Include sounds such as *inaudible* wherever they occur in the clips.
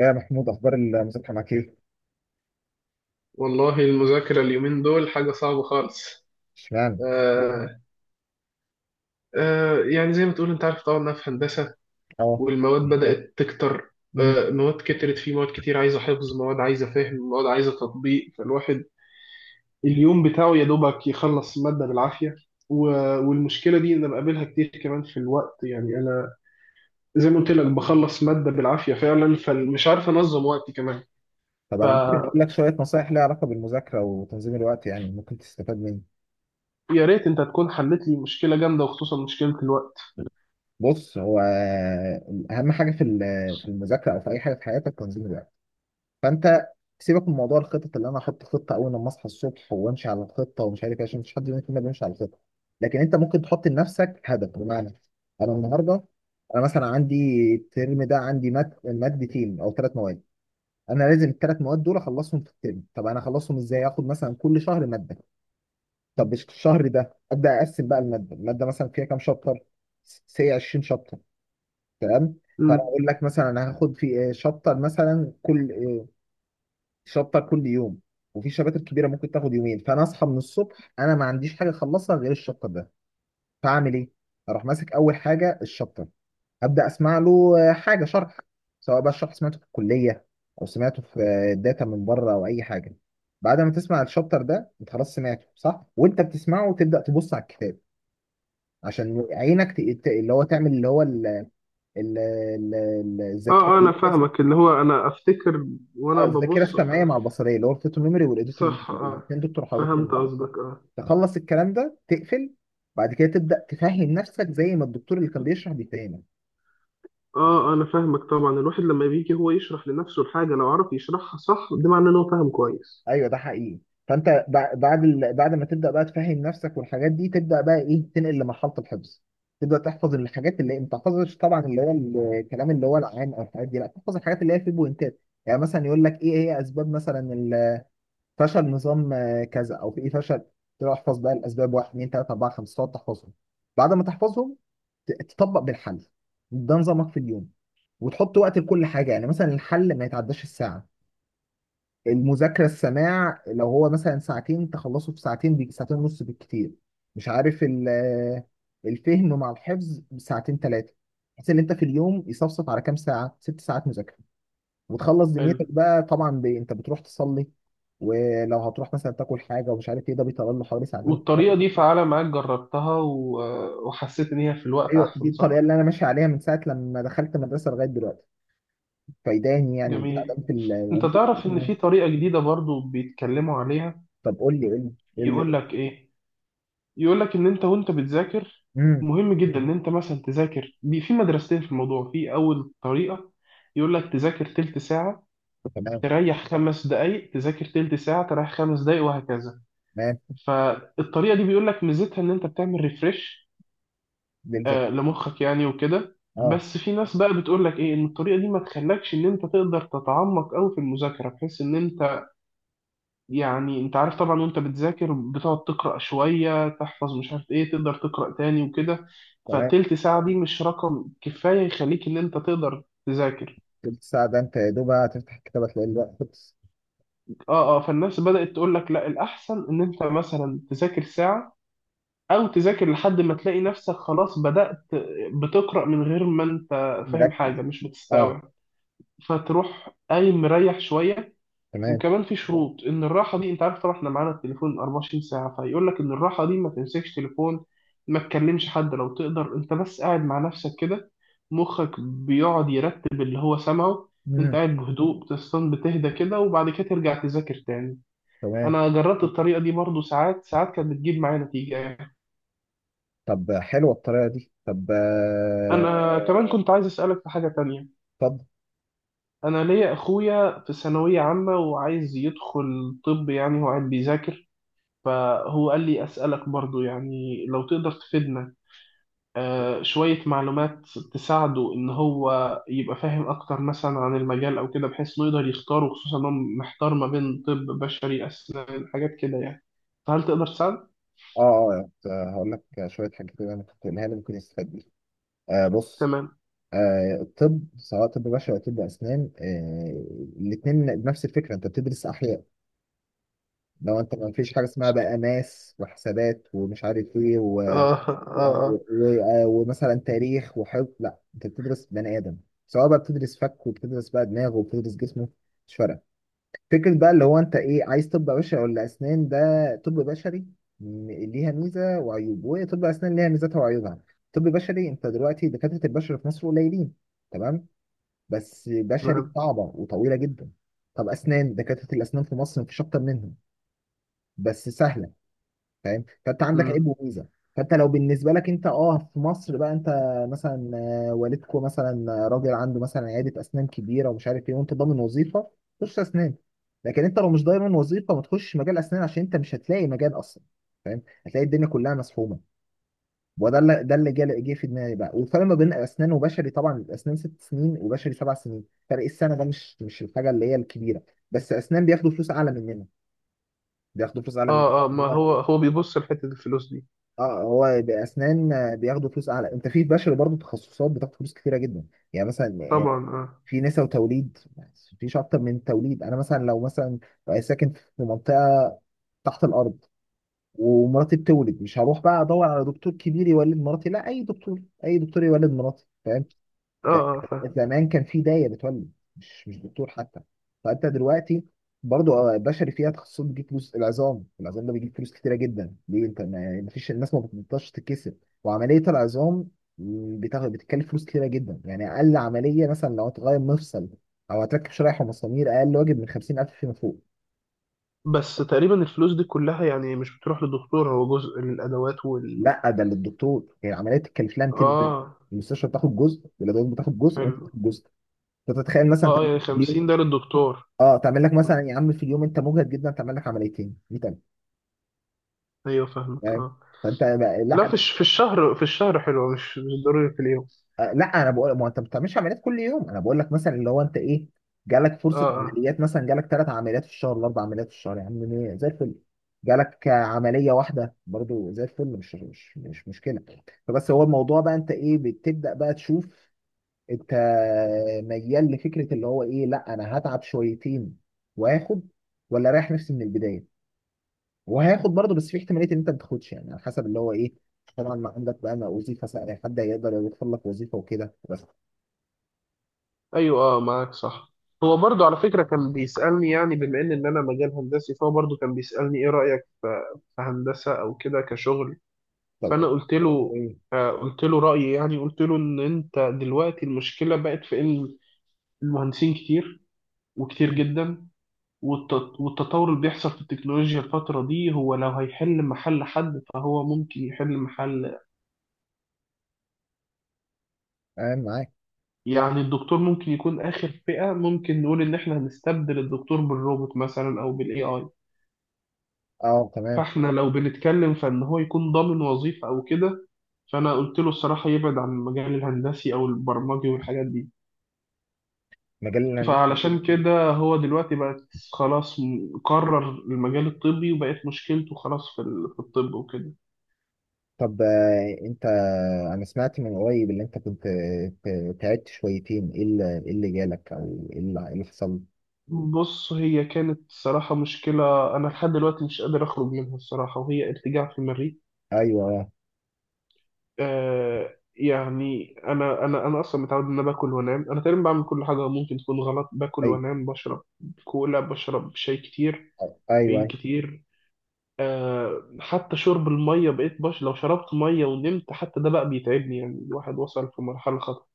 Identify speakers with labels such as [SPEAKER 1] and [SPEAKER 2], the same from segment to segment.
[SPEAKER 1] يا محمود، اخبار المذاكره معاك ايه؟
[SPEAKER 2] والله المذاكرة اليومين دول حاجة صعبة خالص.
[SPEAKER 1] اشمعنى؟
[SPEAKER 2] آه آه، يعني زي ما تقول انت عارف طبعا انها في هندسة،
[SPEAKER 1] اه.
[SPEAKER 2] والمواد بدأت تكتر.
[SPEAKER 1] مم.
[SPEAKER 2] آه، مواد كترت، في مواد كتير عايزة حفظ، مواد عايزة فهم، مواد عايزة تطبيق. فالواحد اليوم بتاعه يا دوبك يخلص مادة بالعافية. و- والمشكلة دي انا بقابلها كتير، كمان في الوقت. يعني انا زي ما قلت لك بخلص مادة بالعافية فعلا، فمش عارف انظم وقتي كمان.
[SPEAKER 1] طب انا ممكن اقول
[SPEAKER 2] فيا
[SPEAKER 1] لك شويه نصايح ليها علاقه بالمذاكره وتنظيم الوقت، يعني ممكن تستفاد مني.
[SPEAKER 2] ريت انت تكون حلت لي مشكلة جامدة، وخصوصا مشكلة الوقت.
[SPEAKER 1] بص، هو اهم حاجه في في المذاكره او في اي حاجه في حياتك تنظيم الوقت. فانت سيبك من موضوع الخطط اللي انا احط خطه اول لما اصحى الصبح وامشي على الخطه ومش عارف ايه، عشان مفيش حد مننا فينا بيمشي على الخطه. لكن انت ممكن تحط لنفسك هدف، بمعنى انا النهارده، انا مثلا عندي الترم ده عندي مادتين او ثلاث مواد، انا لازم الثلاث مواد دول اخلصهم في الترم. طب انا اخلصهم ازاي؟ اخد مثلا كل شهر ماده. طب مش الشهر ده ابدا، اقسم بقى الماده. الماده مثلا فيها كام شابتر؟ سي 20 شابتر، تمام. فانا اقول لك مثلا انا هاخد في شابتر مثلا كل آه، شابتر كل يوم، وفي شباتر كبيره ممكن تاخد يومين. فانا اصحى من الصبح انا ما عنديش حاجه اخلصها غير الشابتر ده. فاعمل ايه؟ اروح ماسك اول حاجه الشابتر، ابدا اسمع له حاجه شرح، سواء بقى الشرح سمعته في الكليه او سمعته في الداتا من بره او اي حاجه. بعد ما تسمع الشابتر ده، انت خلاص سمعته صح، وانت بتسمعه تبدا تبص على الكتاب، عشان عينك اللي هو تعمل اللي هو
[SPEAKER 2] اه،
[SPEAKER 1] الذاكره.
[SPEAKER 2] انا
[SPEAKER 1] *laughs*
[SPEAKER 2] فاهمك، اللي هو انا افتكر
[SPEAKER 1] اه
[SPEAKER 2] وانا
[SPEAKER 1] الذاكره
[SPEAKER 2] ببص ف…
[SPEAKER 1] السمعيه مع البصريه، اللي هو الفوتو ميموري والايديتور ميموري،
[SPEAKER 2] صح، اه،
[SPEAKER 1] الاثنين دول ترحيباتهم
[SPEAKER 2] فهمت
[SPEAKER 1] ببعض.
[SPEAKER 2] قصدك، اه.
[SPEAKER 1] تخلص الكلام ده تقفل، بعد كده تبدا تفهم نفسك زي ما الدكتور اللي كان بيشرح بيفهمك.
[SPEAKER 2] اه انا فاهمك، طبعا الواحد لما بيجي هو يشرح لنفسه الحاجة لو عرف يشرحها صح ده معناه ان هو فاهم كويس.
[SPEAKER 1] ايوه، ده حقيقي. فانت بعد بعد ما تبدا بقى تفهم نفسك والحاجات دي، تبدا بقى ايه؟ تنقل لمرحله الحفظ. تبدا تحفظ الحاجات اللي انت تحفظش طبعا، اللي هو الكلام اللي هو العام او الحاجات دي لا تحفظ، الحاجات اللي هي في بوينتات. يعني مثلا يقول لك ايه هي اسباب مثلا فشل نظام كذا او في ايه فشل، تروح احفظ بقى الاسباب 1 2 3 4 5 تقعد تحفظهم. بعد ما تحفظهم تطبق بالحل. ده نظامك في اليوم، وتحط وقت لكل حاجه. يعني مثلا الحل ما يتعداش الساعه، المذاكرة السماع لو هو مثلا ساعتين تخلصه في ساعتين، ساعتين ونص بالكتير، مش عارف الفهم مع الحفظ ساعتين ثلاثة، بحيث ان انت في اليوم يصفصف على كام ساعة؟ ست ساعات مذاكرة، وتخلص
[SPEAKER 2] حلو.
[SPEAKER 1] دنيتك بقى. طبعا انت بتروح تصلي، ولو هتروح مثلا تاكل حاجة ومش عارف ايه، ده بيطلع له حوالي ساعتين
[SPEAKER 2] والطريقة
[SPEAKER 1] ثلاثة.
[SPEAKER 2] دي فعالة معاك؟ جربتها وحسيت إن هي في الوقت
[SPEAKER 1] ايوه، دي
[SPEAKER 2] أحسن صح؟
[SPEAKER 1] الطريقة اللي انا ماشي عليها من ساعة لما دخلت المدرسة لغاية دلوقتي، فايداني يعني،
[SPEAKER 2] جميل.
[SPEAKER 1] مساعداني في
[SPEAKER 2] أنت
[SPEAKER 1] وبتحفظ
[SPEAKER 2] تعرف إن
[SPEAKER 1] كمان.
[SPEAKER 2] في طريقة جديدة برضو بيتكلموا عليها؟
[SPEAKER 1] طب قول لي. قول لي.
[SPEAKER 2] يقول لك إيه؟ يقول لك ان انت وانت بتذاكر
[SPEAKER 1] امم.
[SPEAKER 2] مهم جدا ان انت مثلا تذاكر في مدرستين في الموضوع. في اول طريقه يقول لك تذاكر تلت ساعه،
[SPEAKER 1] تمام.
[SPEAKER 2] تريح خمس دقائق، تذاكر تلت ساعه، تريح خمس دقائق، وهكذا.
[SPEAKER 1] تمام.
[SPEAKER 2] فالطريقه دي بيقول لك ميزتها ان انت بتعمل ريفرش
[SPEAKER 1] للذاكرة.
[SPEAKER 2] آه لمخك يعني وكده.
[SPEAKER 1] اه.
[SPEAKER 2] بس في ناس بقى بتقول لك ايه، ان الطريقه دي ما تخلكش ان انت تقدر تتعمق قوي في المذاكره، بحيث ان انت يعني انت عارف طبعا وانت بتذاكر بتقعد تقرأ شوية، تحفظ مش عارف ايه، تقدر تقرأ تاني وكده.
[SPEAKER 1] تمام.
[SPEAKER 2] فتلت ساعة دي مش رقم كفاية يخليك ان انت تقدر تذاكر.
[SPEAKER 1] تلت ساعة ده أنت يا دوب هتفتح الكتاب هتلاقي الوقت خلص.
[SPEAKER 2] اه، فالناس بدأت تقول لك لا، الأحسن ان انت مثلا تذاكر ساعة، او تذاكر لحد ما تلاقي نفسك خلاص بدأت بتقرأ من غير ما انت فاهم
[SPEAKER 1] مركز.
[SPEAKER 2] حاجة، مش
[SPEAKER 1] أه.
[SPEAKER 2] بتستوعب، فتروح قايم مريح شوية.
[SPEAKER 1] تمام.
[SPEAKER 2] وكمان في شروط ان الراحه دي، انت عارف طبعا احنا معانا التليفون 24 ساعه، فيقول لك ان الراحه دي ما تمسكش تليفون، ما تكلمش حد لو تقدر، انت بس قاعد مع نفسك كده، مخك بيقعد يرتب اللي هو سمعه. انت
[SPEAKER 1] مم.
[SPEAKER 2] قاعد بهدوء، بتستن، بتهدى كده، وبعد كده ترجع تذاكر تاني.
[SPEAKER 1] تمام.
[SPEAKER 2] انا جربت الطريقه دي برضو، ساعات كانت بتجيب معايا نتيجه يعني.
[SPEAKER 1] طب حلوة الطريقة دي. طب
[SPEAKER 2] انا كمان كنت عايز اسالك في حاجه تانية.
[SPEAKER 1] اتفضل.
[SPEAKER 2] انا ليا اخويا في ثانويه عامه وعايز يدخل طب، يعني هو قاعد بيذاكر، فهو قال لي أسألك برضو، يعني لو تقدر تفيدنا شوية معلومات تساعده إن هو يبقى فاهم أكتر مثلا عن المجال أو كده، بحيث إنه يقدر يختاره، خصوصا إنه محتار ما بين طب بشري، أسنان، حاجات كده يعني. فهل تقدر تساعد؟
[SPEAKER 1] أه، أه، هقول لك شوية حاجات كده أنا كنت قايلها لي ممكن يستفاد بيها. آه، بص،
[SPEAKER 2] تمام.
[SPEAKER 1] آه الطب سواء طب بشري أو طب أسنان، آه الاتنين نفس الفكرة، أنت بتدرس أحياء. لو أنت ما فيش حاجة اسمها بقى ماس وحسابات ومش عارف إيه
[SPEAKER 2] آه آه
[SPEAKER 1] ومثلا تاريخ وحفظ، لا، انت بتدرس بني ادم. سواء بقى بتدرس فك وبتدرس بقى دماغه وبتدرس جسمه، مش فارقه. فكره بقى اللي هو انت ايه عايز، طب بشري ولا اسنان؟ ده طب بشري ليها ميزه وعيوب، وطب اسنان ليها ميزاتها وعيوبها. طب بشري، انت دلوقتي دكاتره البشر في مصر قليلين، تمام، بس بشري
[SPEAKER 2] تمام.
[SPEAKER 1] صعبه وطويله جدا. طب اسنان، دكاتره الاسنان في مصر مفيش اكتر منهم، بس سهله. فاهم؟ فانت عندك
[SPEAKER 2] مم.
[SPEAKER 1] عيب وميزه. فانت لو بالنسبه لك انت، اه في مصر بقى، انت مثلا والدكو مثلا راجل عنده مثلا عياده اسنان كبيره ومش عارف ايه، وانت ضامن وظيفه، خش اسنان. لكن انت لو مش ضامن وظيفه ما تخش مجال اسنان، عشان انت مش هتلاقي مجال اصلا، فاهم؟ هتلاقي الدنيا كلها مسحومه. وده اللي ده اللي جه في دماغي بقى. والفرق ما بين اسنان وبشري، طبعا الاسنان ست سنين وبشري سبع سنين، فرق السنه ده مش الحاجه اللي هي الكبيره. بس اسنان بياخدوا فلوس اعلى مننا، بياخدوا فلوس اعلى
[SPEAKER 2] آه، ما
[SPEAKER 1] مننا.
[SPEAKER 2] هو هو بيبص لحتة الفلوس دي.
[SPEAKER 1] اه، هو باسنان بياخدوا فلوس اعلى. انت في بشر برضو تخصصات بتاخد فلوس كتيره جدا، يعني مثلا
[SPEAKER 2] طبعا آه.
[SPEAKER 1] في نساء وتوليد، مفيش اكتر من توليد. انا مثلا لو مثلا ساكن في منطقه تحت الارض، ومراتي بتولد، مش هروح بقى ادور على دكتور كبير يولد مراتي، لا، اي دكتور، اي دكتور يولد مراتي، فاهم؟
[SPEAKER 2] آه
[SPEAKER 1] ده
[SPEAKER 2] آه فاهم.
[SPEAKER 1] زمان كان في داية بتولد، مش دكتور حتى. فانت دلوقتي برضو بشري فيها تخصصات بتجيب فلوس. العظام، العظام ده بيجيب فلوس كتيره جدا، ليه؟ انت ما فيش الناس ما بتقدرش تتكسب. وعمليه العظام بتتكلف فلوس كتيره جدا، يعني اقل عمليه مثلا، لو هتغير مفصل او هتركب شرايح ومسامير، اقل واجب من 50,000 فيما فوق.
[SPEAKER 2] بس تقريبا الفلوس دي كلها يعني مش بتروح للدكتور، هو جزء للأدوات وال…
[SPEAKER 1] لا، ده للدكتور، يعني العمليه تتكلف لها 200.
[SPEAKER 2] آه
[SPEAKER 1] المستشفى بتاخد جزء والادوات بتاخد جزء وانت
[SPEAKER 2] حلو.
[SPEAKER 1] بتاخد جزء. فتتخيل مثلا،
[SPEAKER 2] اه يعني
[SPEAKER 1] انت
[SPEAKER 2] 50 ده للدكتور.
[SPEAKER 1] اه تعمل لك مثلا
[SPEAKER 2] مم.
[SPEAKER 1] يا عم في اليوم انت مجهد جدا، تعمل لك عمليتين 100,000،
[SPEAKER 2] ايوه فاهمك
[SPEAKER 1] فاهم؟
[SPEAKER 2] اه. لا،
[SPEAKER 1] لا،
[SPEAKER 2] في الشهر، في الشهر حلوه، مش ضروري في اليوم.
[SPEAKER 1] لا، انا بقول ما انت ما بتعملش عمليات كل يوم، انا بقول لك مثلا اللي هو انت ايه، جالك
[SPEAKER 2] اه
[SPEAKER 1] فرصه
[SPEAKER 2] اه
[SPEAKER 1] عمليات، مثلا جالك ثلاث عمليات في الشهر ولا اربع عمليات في الشهر، يا عم إيه، زي الفل. جالك عمليه واحده برضو زي الفل، مش مشكله. فبس هو الموضوع بقى انت ايه؟ بتبدا بقى تشوف، انت ميال لفكره اللي هو ايه، لا انا هتعب شويتين واخد، ولا رايح نفسي من البدايه وهياخد برضه، بس في احتماليه ان انت ما تاخدش يعني، على حسب اللي هو ايه. طبعا ما عندك بقى ما وظيفه سهله، حد هيقدر يوفر لك وظيفه وكده بس.
[SPEAKER 2] ايوه اه، معاك صح. هو برضو على فكره كان بيسالني، يعني بما ان انا مجال هندسي، فهو برضو كان بيسالني ايه رايك في في هندسه او كده كشغل.
[SPEAKER 1] طب
[SPEAKER 2] فانا
[SPEAKER 1] ايه؟
[SPEAKER 2] قلت له…
[SPEAKER 1] إيه؟
[SPEAKER 2] آه قلت له رايي، يعني قلت له ان انت دلوقتي المشكله بقت في ان المهندسين كتير وكتير
[SPEAKER 1] مم.
[SPEAKER 2] جدا، والتطور اللي بيحصل في التكنولوجيا الفترة دي هو لو هيحل محل حد فهو ممكن يحل محل…
[SPEAKER 1] تمام، معاك.
[SPEAKER 2] يعني الدكتور ممكن يكون آخر فئة ممكن نقول إن إحنا هنستبدل الدكتور بالروبوت مثلا أو بالاي اي.
[SPEAKER 1] اه، تمام.
[SPEAKER 2] فإحنا لو بنتكلم فإن هو يكون ضامن وظيفة أو كده، فأنا قلت له الصراحة يبعد عن المجال الهندسي أو البرمجي والحاجات دي.
[SPEAKER 1] مجال الهندسه.
[SPEAKER 2] فعلشان كده هو دلوقتي بقت خلاص، قرر المجال الطبي، وبقت مشكلته خلاص في الطب وكده.
[SPEAKER 1] طب انت، انا سمعت من قريب اللي انت كنت تعبت شويتين، ايه اللي إيه اللي جالك؟ او ايه اللي إيه اللي حصل؟
[SPEAKER 2] بص، هي كانت صراحة مشكلة أنا لحد دلوقتي مش قادر أخرج منها الصراحة، وهي ارتجاع في المريء.
[SPEAKER 1] ايوه.
[SPEAKER 2] آه يعني أنا أصلا متعود إن أنا باكل وأنام، أنا تقريبا بعمل كل حاجة ممكن تكون غلط، باكل
[SPEAKER 1] ايوه.
[SPEAKER 2] وأنام، بشرب كولا، بشرب شاي كتير،
[SPEAKER 1] ايوه.
[SPEAKER 2] كافيين
[SPEAKER 1] أيوه.
[SPEAKER 2] كتير، آه حتى شرب المية بقيت لو شربت مية ونمت حتى ده بقى بيتعبني، يعني الواحد وصل في مرحلة خطر.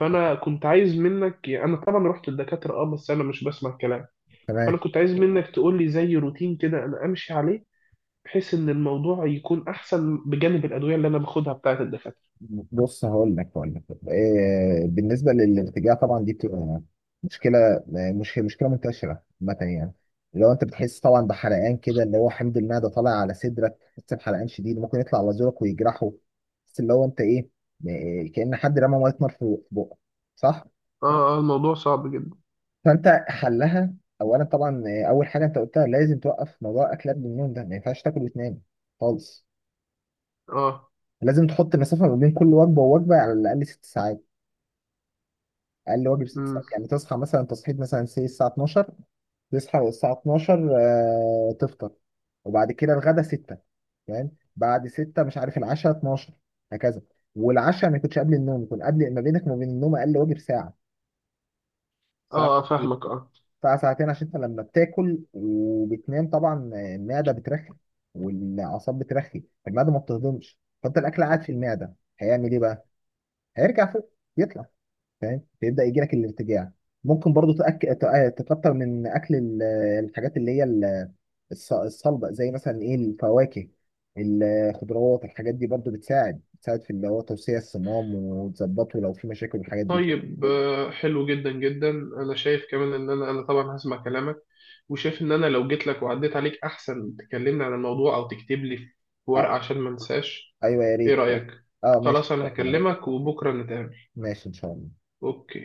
[SPEAKER 2] فأنا كنت عايز منك، يعني أنا طبعا رحت للدكاترة أه بس أنا مش بسمع الكلام،
[SPEAKER 1] تمام.
[SPEAKER 2] فانا كنت عايز منك تقول لي زي روتين كده انا امشي عليه، بحيث ان الموضوع يكون احسن بجانب الادويه اللي انا باخدها بتاعه الدكاتره.
[SPEAKER 1] بص، هقول لك، بالنسبه للارتجاع، طبعا دي بتبقى مشكله، مش مشكله منتشره عامه يعني. لو انت بتحس طبعا بحرقان كده، اللي هو حمض المعده طالع على صدرك، بتحس بحرقان شديد ممكن يطلع على زورك ويجرحه، بس اللي هو انت ايه، كأن حد رمى ميه نار في بقك، صح؟
[SPEAKER 2] اه الموضوع صعب جدا.
[SPEAKER 1] فانت حلها، اولا طبعا، اول حاجه انت قلتها، لازم توقف موضوع اكلات بالنوم ده، ما ينفعش تاكل وتنام خالص.
[SPEAKER 2] اه.
[SPEAKER 1] لازم تحط مسافه ما بين كل وجبه ووجبه على الاقل ست ساعات، اقل واجب ست
[SPEAKER 2] امم.
[SPEAKER 1] ساعات. يعني تصحى مثلا، تصحيح مثلا، سي الساعه 12، تصحى الساعه 12، تفطر، وبعد كده الغدا 6، فاهم؟ بعد 6 مش عارف العشاء 12، هكذا. والعشاء ما يكونش قبل النوم، يكون قبل ما بينك وما بين النوم اقل واجب ساعه، ساعه
[SPEAKER 2] اه
[SPEAKER 1] ساعتين،
[SPEAKER 2] فاهمك اه.
[SPEAKER 1] ساعه ساعتين، عشان انت لما بتاكل وبتنام طبعا المعده بترخي، والاعصاب بترخي، المعده ما بتهضمش، فانت الاكل قاعد في المعده هيعمل ايه بقى؟ هيرجع فوق، يطلع، فاهم؟ بيبدا يجي لك الارتجاع. ممكن برضو تكتر من اكل الحاجات اللي هي الصلبه، زي مثلا ايه، الفواكه، الخضروات، الحاجات دي برضو بتساعد، بتساعد في اللي هو توسيع الصمام وتظبطه لو في مشاكل والحاجات دي.
[SPEAKER 2] طيب آه، حلو جدا جدا. انا شايف كمان ان انا طبعا هسمع كلامك، وشايف ان انا لو جيت لك وعديت عليك احسن تكلمني عن الموضوع او تكتب لي في
[SPEAKER 1] آه.
[SPEAKER 2] ورقه عشان ما انساش.
[SPEAKER 1] ايوه، يا
[SPEAKER 2] ايه
[SPEAKER 1] ريت.
[SPEAKER 2] رايك؟
[SPEAKER 1] اه، ماشي
[SPEAKER 2] خلاص
[SPEAKER 1] ان
[SPEAKER 2] انا
[SPEAKER 1] شاء الله.
[SPEAKER 2] هكلمك وبكره نتقابل.
[SPEAKER 1] ماشي ان شاء الله.
[SPEAKER 2] اوكي.